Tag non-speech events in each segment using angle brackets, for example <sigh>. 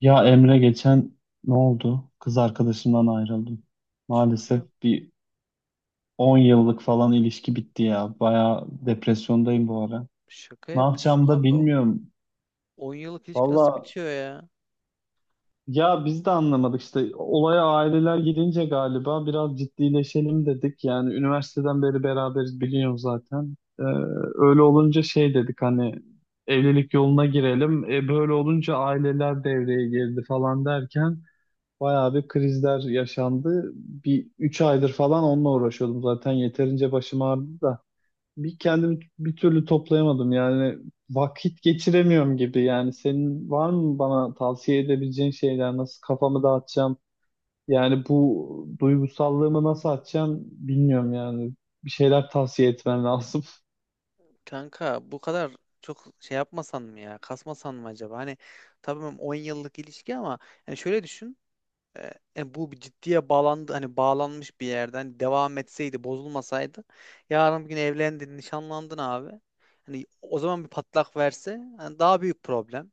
Ya Emre geçen ne oldu? Kız arkadaşımdan ayrıldım. Maalesef Şaka, bir 10 yıllık falan ilişki bitti ya. Baya depresyondayım bu ara. şaka Ne yapıyorsun yapacağımı da abi. O bilmiyorum. 10 yıllık ilişki nasıl Valla bitiyor ya? ya biz de anlamadık işte. Olaya aileler girince galiba biraz ciddileşelim dedik. Yani üniversiteden beri beraberiz biliyorum zaten. Öyle olunca şey dedik hani evlilik yoluna girelim. Böyle olunca aileler devreye girdi falan derken bayağı bir krizler yaşandı. Bir 3 aydır falan onunla uğraşıyordum zaten. Yeterince başım ağrıdı da. Bir türlü toplayamadım. Yani vakit geçiremiyorum gibi. Yani senin var mı bana tavsiye edebileceğin şeyler? Nasıl kafamı dağıtacağım? Yani bu duygusallığımı nasıl atacağım bilmiyorum yani. Bir şeyler tavsiye etmen lazım. Kanka bu kadar çok şey yapmasan mı ya? Kasmasan mı acaba? Hani tamam 10 yıllık ilişki ama hani şöyle düşün. e, Bu bir ciddiye bağlandı, hani bağlanmış bir yerden hani devam etseydi, bozulmasaydı yarın bir gün evlendin, nişanlandın abi. Hani o zaman bir patlak verse hani daha büyük problem.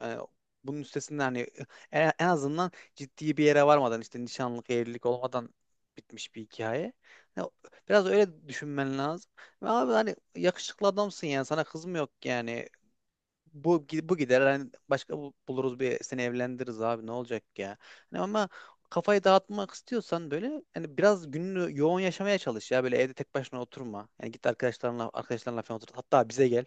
Yani bunun üstesinden hani en azından ciddi bir yere varmadan, işte nişanlık, evlilik olmadan bitmiş bir hikaye. Ya, biraz öyle düşünmen lazım. Ve abi hani yakışıklı adamsın, yani sana kız mı yok yani. Bu gider, hani başka buluruz, bir seni evlendiririz abi, ne olacak ya. Hani ama kafayı dağıtmak istiyorsan böyle, hani biraz gününü yoğun yaşamaya çalış ya, böyle evde tek başına oturma. Yani git arkadaşlarınla falan otur. Hatta bize gel.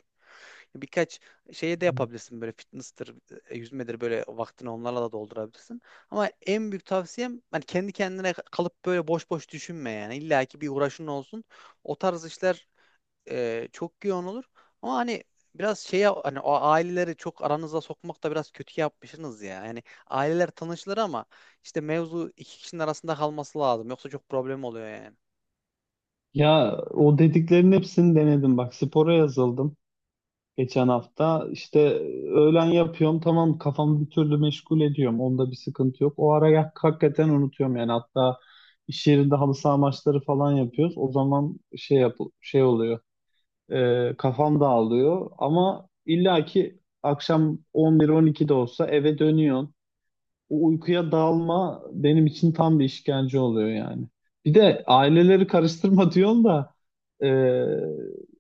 Birkaç şeye de <laughs> yapabilirsin, böyle fitness'tır, yüzmedir, böyle vaktini onlarla da doldurabilirsin. Ama en büyük tavsiyem, hani kendi kendine kalıp böyle boş boş düşünme yani. İlla ki bir uğraşın olsun. O tarz işler çok yoğun olur. Ama hani biraz şeye, hani o aileleri çok aranıza sokmak da biraz kötü yapmışsınız ya. Yani aileler tanışılır ama işte mevzu iki kişinin arasında kalması lazım. Yoksa çok problem oluyor yani. Ya o dediklerin hepsini denedim. Bak spora yazıldım. Geçen hafta işte öğlen yapıyorum tamam kafamı bir türlü meşgul ediyorum onda bir sıkıntı yok. Hakikaten unutuyorum yani hatta iş yerinde halı saha maçları falan yapıyoruz. O zaman şey yap şey oluyor, kafam dağılıyor ama illaki akşam 11-12'de olsa eve dönüyorsun, o uykuya dalma benim için tam bir işkence oluyor yani. Bir de aileleri karıştırma <laughs> diyorsun da e,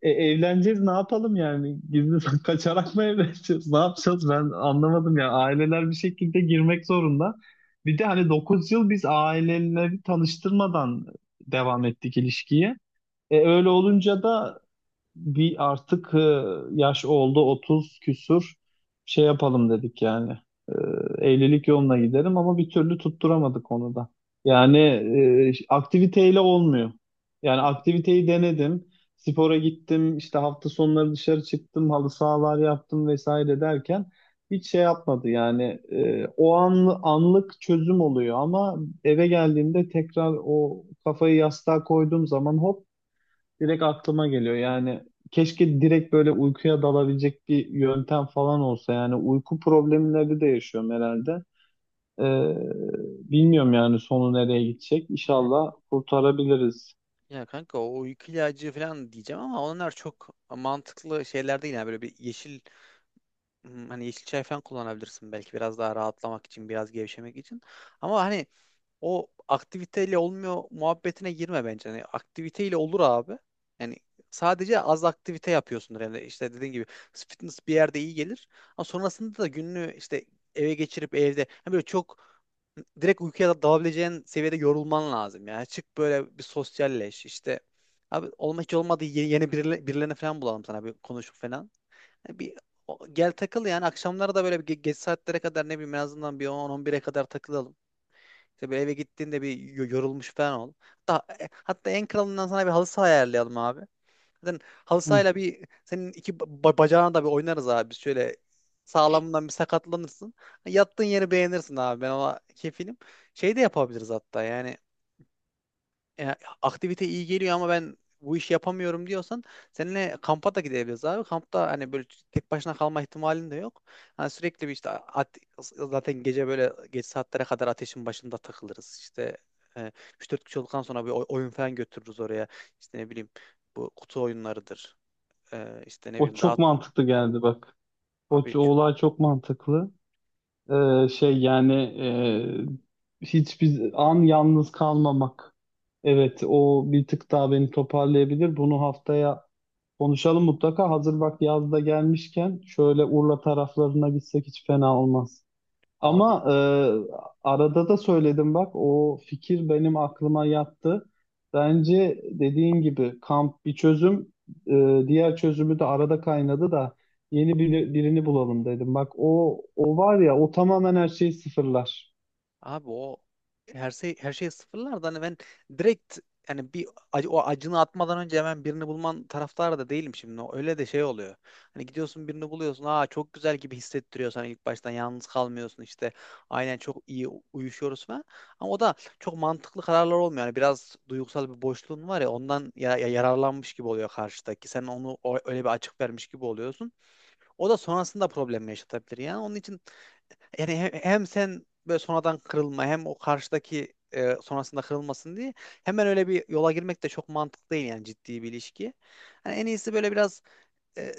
evleneceğiz ne yapalım yani? Gizli <laughs> kaçarak mı evleneceğiz? Ne yapacağız? Ben anlamadım ya. Aileler bir şekilde girmek zorunda. Bir de hani 9 yıl biz aileleri tanıştırmadan devam ettik ilişkiye. Öyle olunca da bir artık yaş oldu 30 küsur şey yapalım dedik yani. E, evlilik yoluna gidelim ama bir türlü tutturamadık onu da. Yani aktiviteyle olmuyor. Yani aktiviteyi denedim. Spora gittim, işte hafta sonları dışarı çıktım, halı sahalar yaptım vesaire derken hiç şey yapmadı yani. Anlık çözüm oluyor ama eve geldiğimde tekrar o kafayı yastığa koyduğum zaman hop direkt aklıma geliyor. Yani keşke direkt böyle uykuya dalabilecek bir yöntem falan olsa. Yani uyku problemleri de yaşıyorum herhalde. Ee, bilmiyorum yani sonu nereye gidecek. İnşallah kurtarabiliriz. Ya kanka, o uyku ilacı falan diyeceğim ama onlar çok mantıklı şeyler değil. Yani böyle bir yeşil, hani yeşil çay falan kullanabilirsin belki, biraz daha rahatlamak için, biraz gevşemek için. Ama hani o aktiviteyle olmuyor muhabbetine girme bence. Yani aktiviteyle olur abi. Yani sadece az aktivite yapıyorsundur. Yani işte dediğin gibi, fitness bir yerde iyi gelir. Ama sonrasında da gününü işte eve geçirip evde yani böyle çok direkt uykuya dalabileceğin seviyede yorulman lazım. Yani çık, böyle bir sosyalleş işte. Abi olma, hiç olmadı yeni birilerini falan bulalım sana, bir konuşup falan. Yani bir gel takıl, yani akşamları da böyle bir geç saatlere kadar, ne bileyim, en azından bir 10-11'e kadar takılalım. Tabii eve gittiğinde bir yorulmuş falan ol. Hatta, hatta, en kralından sana bir halı saha ayarlayalım abi. Zaten halı Hı. sahayla bir senin iki bacağına da bir oynarız abi. Şöyle sağlamından bir sakatlanırsın. Yattığın yeri beğenirsin abi. Ben ona kefilim. Şey de yapabiliriz hatta, yani e, aktivite iyi geliyor ama ben bu işi yapamıyorum diyorsan seninle kampa da gidebiliriz abi. Kampta hani böyle tek başına kalma ihtimalin de yok. Hani sürekli bir işte zaten gece böyle geç saatlere kadar ateşin başında takılırız. İşte e, 3-4 kişi olduktan sonra bir oyun falan götürürüz oraya. İşte, ne bileyim, bu kutu oyunlarıdır. İşte ne O bileyim daha çok mantıklı geldi bak. Abi O ç- olay çok mantıklı. Şey yani, hiçbir an yalnız kalmamak. Evet, o bir tık daha beni toparlayabilir. Bunu haftaya konuşalım mutlaka. Hazır bak yazda gelmişken şöyle Urla taraflarına gitsek hiç fena olmaz. abi. Ama arada da söyledim bak o fikir benim aklıma yattı. Bence dediğin gibi kamp bir çözüm, diğer çözümü de arada kaynadı da birini bulalım dedim. Bak o o var ya o tamamen her şeyi sıfırlar. O her şey sıfırlar da, hani ben direkt, yani bir o acını atmadan önce hemen birini bulman taraftarı da değilim şimdi. Öyle de şey oluyor. Hani gidiyorsun, birini buluyorsun. Aa, çok güzel gibi hissettiriyor sana ilk baştan, yalnız kalmıyorsun işte. Aynen, çok iyi uyuşuyoruz falan. Ama o da çok mantıklı kararlar olmuyor. Yani biraz duygusal bir boşluğun var ya, ondan yararlanmış gibi oluyor karşıdaki. Sen onu öyle bir açık vermiş gibi oluyorsun. O da sonrasında problem yaşatabilir. Yani onun için, yani hem sen böyle sonradan kırılma, hem o karşıdaki sonrasında kırılmasın diye hemen öyle bir yola girmek de çok mantıklı değil, yani ciddi bir ilişki. Hani en iyisi böyle biraz, e,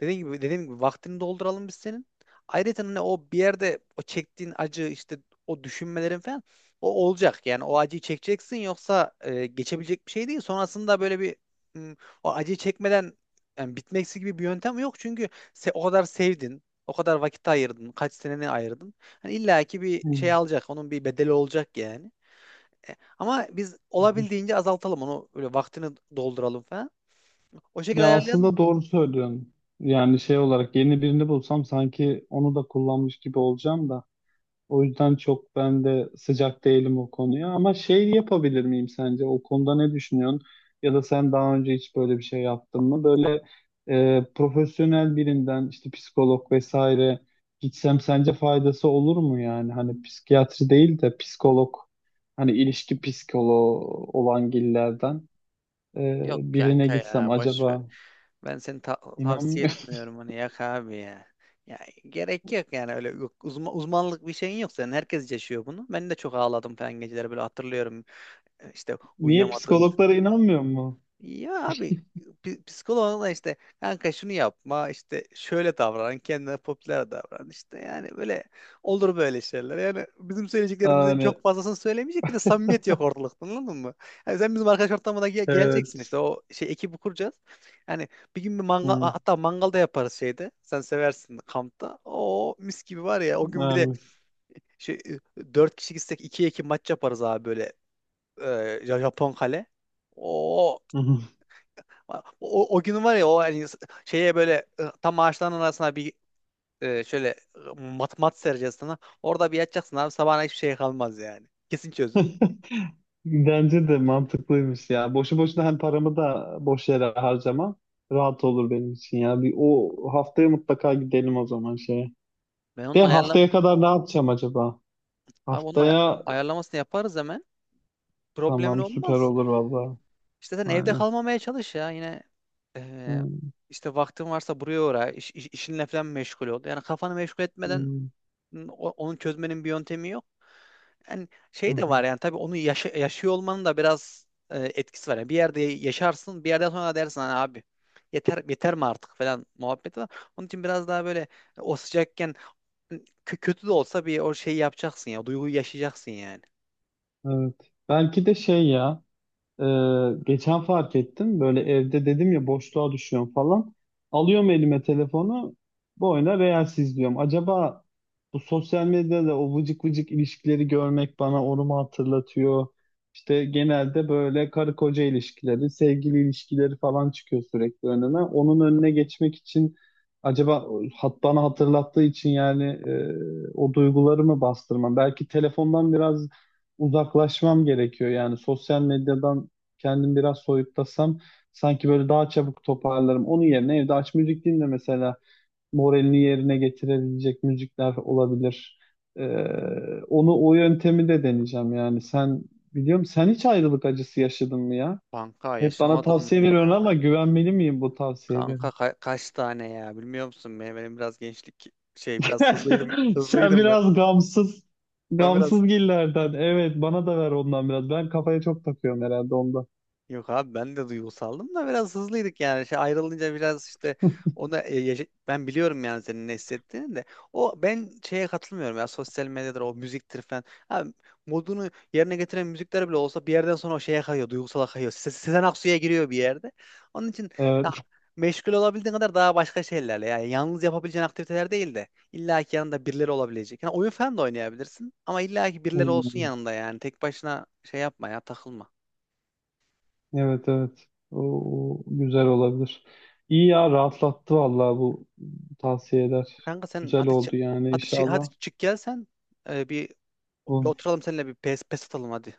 dediğim gibi vaktini dolduralım biz senin. Ayrıca hani o bir yerde o çektiğin acı, işte o düşünmelerin falan, o olacak. Yani o acıyı çekeceksin, yoksa geçebilecek bir şey değil. Sonrasında böyle bir, hmm, o acıyı çekmeden yani bitmeksi gibi bir yöntem yok. Çünkü o kadar sevdin, o kadar vakit ayırdın, kaç seneni ayırdın. Hani illa ki bir Hı. şey alacak, onun bir bedeli olacak yani. Ama biz olabildiğince azaltalım onu, böyle vaktini dolduralım falan. O şekilde Ya ayarlayalım. aslında doğru söylüyorsun. Yani şey olarak yeni birini bulsam sanki onu da kullanmış gibi olacağım da. O yüzden çok ben de sıcak değilim o konuya. Ama şey yapabilir miyim sence? O konuda ne düşünüyorsun? Ya da sen daha önce hiç böyle bir şey yaptın mı? Böyle profesyonel birinden işte psikolog vesaire gitsem sence faydası olur mu yani? Hani psikiyatri değil de psikolog, hani ilişki psikoloğu olan gillerden, e, Yok birine kanka gitsem ya, boş ver. acaba Ben seni tavsiye inanmıyor. etmiyorum onu, yak abi ya. Ya gerek yok yani, öyle yok, uzmanlık bir şeyin yok senin. Herkes yaşıyor bunu. Ben de çok ağladım falan geceleri, böyle hatırlıyorum. İşte <laughs> Niye uyuyamadığımı, psikologlara inanmıyor mu? ya abi, psikoloğuna da işte, kanka şunu yapma, işte şöyle davran, kendine popüler davran, işte yani böyle olur böyle şeyler, yani bizim söyleyeceklerimizin Yani çok fazlasını söylemeyecek, bir de samimiyet yok ortalıkta, anladın mı? Yani sen bizim arkadaş ortamına geleceksin, işte evet. o şey ekibi kuracağız, yani bir gün bir mangal, Hı, hatta mangalda yaparız şeyde, sen seversin kampta o mis gibi var ya o gün, bir de vermiş. şey, dört kişi gitsek iki iki maç yaparız abi, böyle Japon kale. <laughs> O gün var ya, o hani şeye böyle, tam ağaçların arasına bir, şöyle, mat mat sereceğiz sana. Orada bir yatacaksın abi, sabahına hiçbir şey kalmaz yani. Kesin çözüm. <laughs> Bence de mantıklıymış ya. Boşu boşuna hem paramı da boş yere harcamam. Rahat olur benim için ya. Bir o haftaya mutlaka gidelim o zaman şeye. Ben onun De ayarla haftaya kadar ne yapacağım acaba? Abi onun Haftaya ayarlamasını yaparız hemen. Problemin tamam süper olmaz. olur vallahi. İşte sen evde Aynen. kalmamaya çalış ya, yine e, Hmm. işte vaktin varsa buraya uğra. İş, iş- işinle falan meşgul ol. Yani kafanı meşgul etmeden Hmm. Onu çözmenin bir yöntemi yok. Yani Hı şey de hı. var, yani tabii onu yaşıyor olmanın da biraz etkisi var. Yani bir yerde yaşarsın, bir yerden sonra dersin hani abi, yeter, yeter mi artık falan muhabbeti var. Onun için biraz daha böyle o sıcakken, hani kötü de olsa bir o şeyi yapacaksın ya, duyguyu yaşayacaksın yani. Evet. Belki de şey ya. Ee, geçen fark ettim. Böyle evde dedim ya boşluğa düşüyorum falan. Alıyorum elime telefonu. Bu oyuna Reels izliyorum. Acaba bu sosyal medyada o vıcık vıcık ilişkileri görmek bana onu mu hatırlatıyor? İşte genelde böyle karı koca ilişkileri, sevgili ilişkileri falan çıkıyor sürekli önüme. Onun önüne geçmek için acaba bana hatırlattığı için yani, o duyguları mı bastırmam? Belki telefondan biraz uzaklaşmam gerekiyor. Yani sosyal medyadan kendim biraz soyutlasam sanki böyle daha çabuk toparlarım. Onun yerine evde aç müzik dinle mesela, moralini yerine getirebilecek müzikler olabilir. Ee, onu o yöntemi de deneyeceğim yani. Biliyorum sen hiç ayrılık acısı yaşadın mı ya? Kanka, Hep bana yaşamadım tavsiye veriyorsun ya. ama güvenmeli miyim bu tavsiyelere? Kanka, kaç tane ya, bilmiyor musun? Benim biraz gençlik şey, biraz hızlıydım. <laughs> Sen Hızlıydım ben. biraz gamsız, Ben biraz gamsız gillerden. Evet, bana da ver ondan biraz. Ben kafaya çok takıyorum herhalde onda. Yok abi, ben de duygusaldım da biraz hızlıydık yani. Şey, ayrılınca biraz işte ona, ben biliyorum yani senin ne hissettiğini de. O, ben şeye katılmıyorum ya, sosyal medyadır, o müziktir falan. Abi, modunu yerine getiren müzikler bile olsa bir yerden sonra o şeye kayıyor, duygusala kayıyor. Sezen Aksu'ya giriyor bir yerde. Onun için ya, Evet. meşgul olabildiğin kadar daha başka şeylerle, yani yalnız yapabileceğin aktiviteler değil de illa ki yanında birileri olabilecek. Yani oyun falan da oynayabilirsin, ama illa ki birileri olsun <laughs> yanında, yani tek başına şey yapma ya, takılma. Evet, evet. O, o güzel olabilir. İyi ya, rahatlattı vallahi bu tavsiyeler. Kanka sen Güzel hadi, oldu yani hadi inşallah. çık gel sen. Ee, bir, bir Bu oturalım seninle, bir pes pes atalım hadi.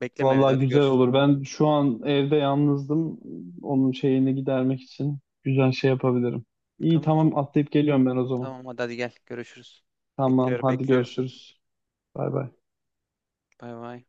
Bekleme evde, vallahi hadi güzel görüş. olur. Ben şu an evde yalnızdım. Onun şeyini gidermek için güzel şey yapabilirim. İyi Tamam o- tamam atlayıp geliyorum ben o zaman. tamam hadi hadi gel, görüşürüz. Tamam Bekliyorum, hadi bekliyorum. görüşürüz. Bay bay. Bay bay.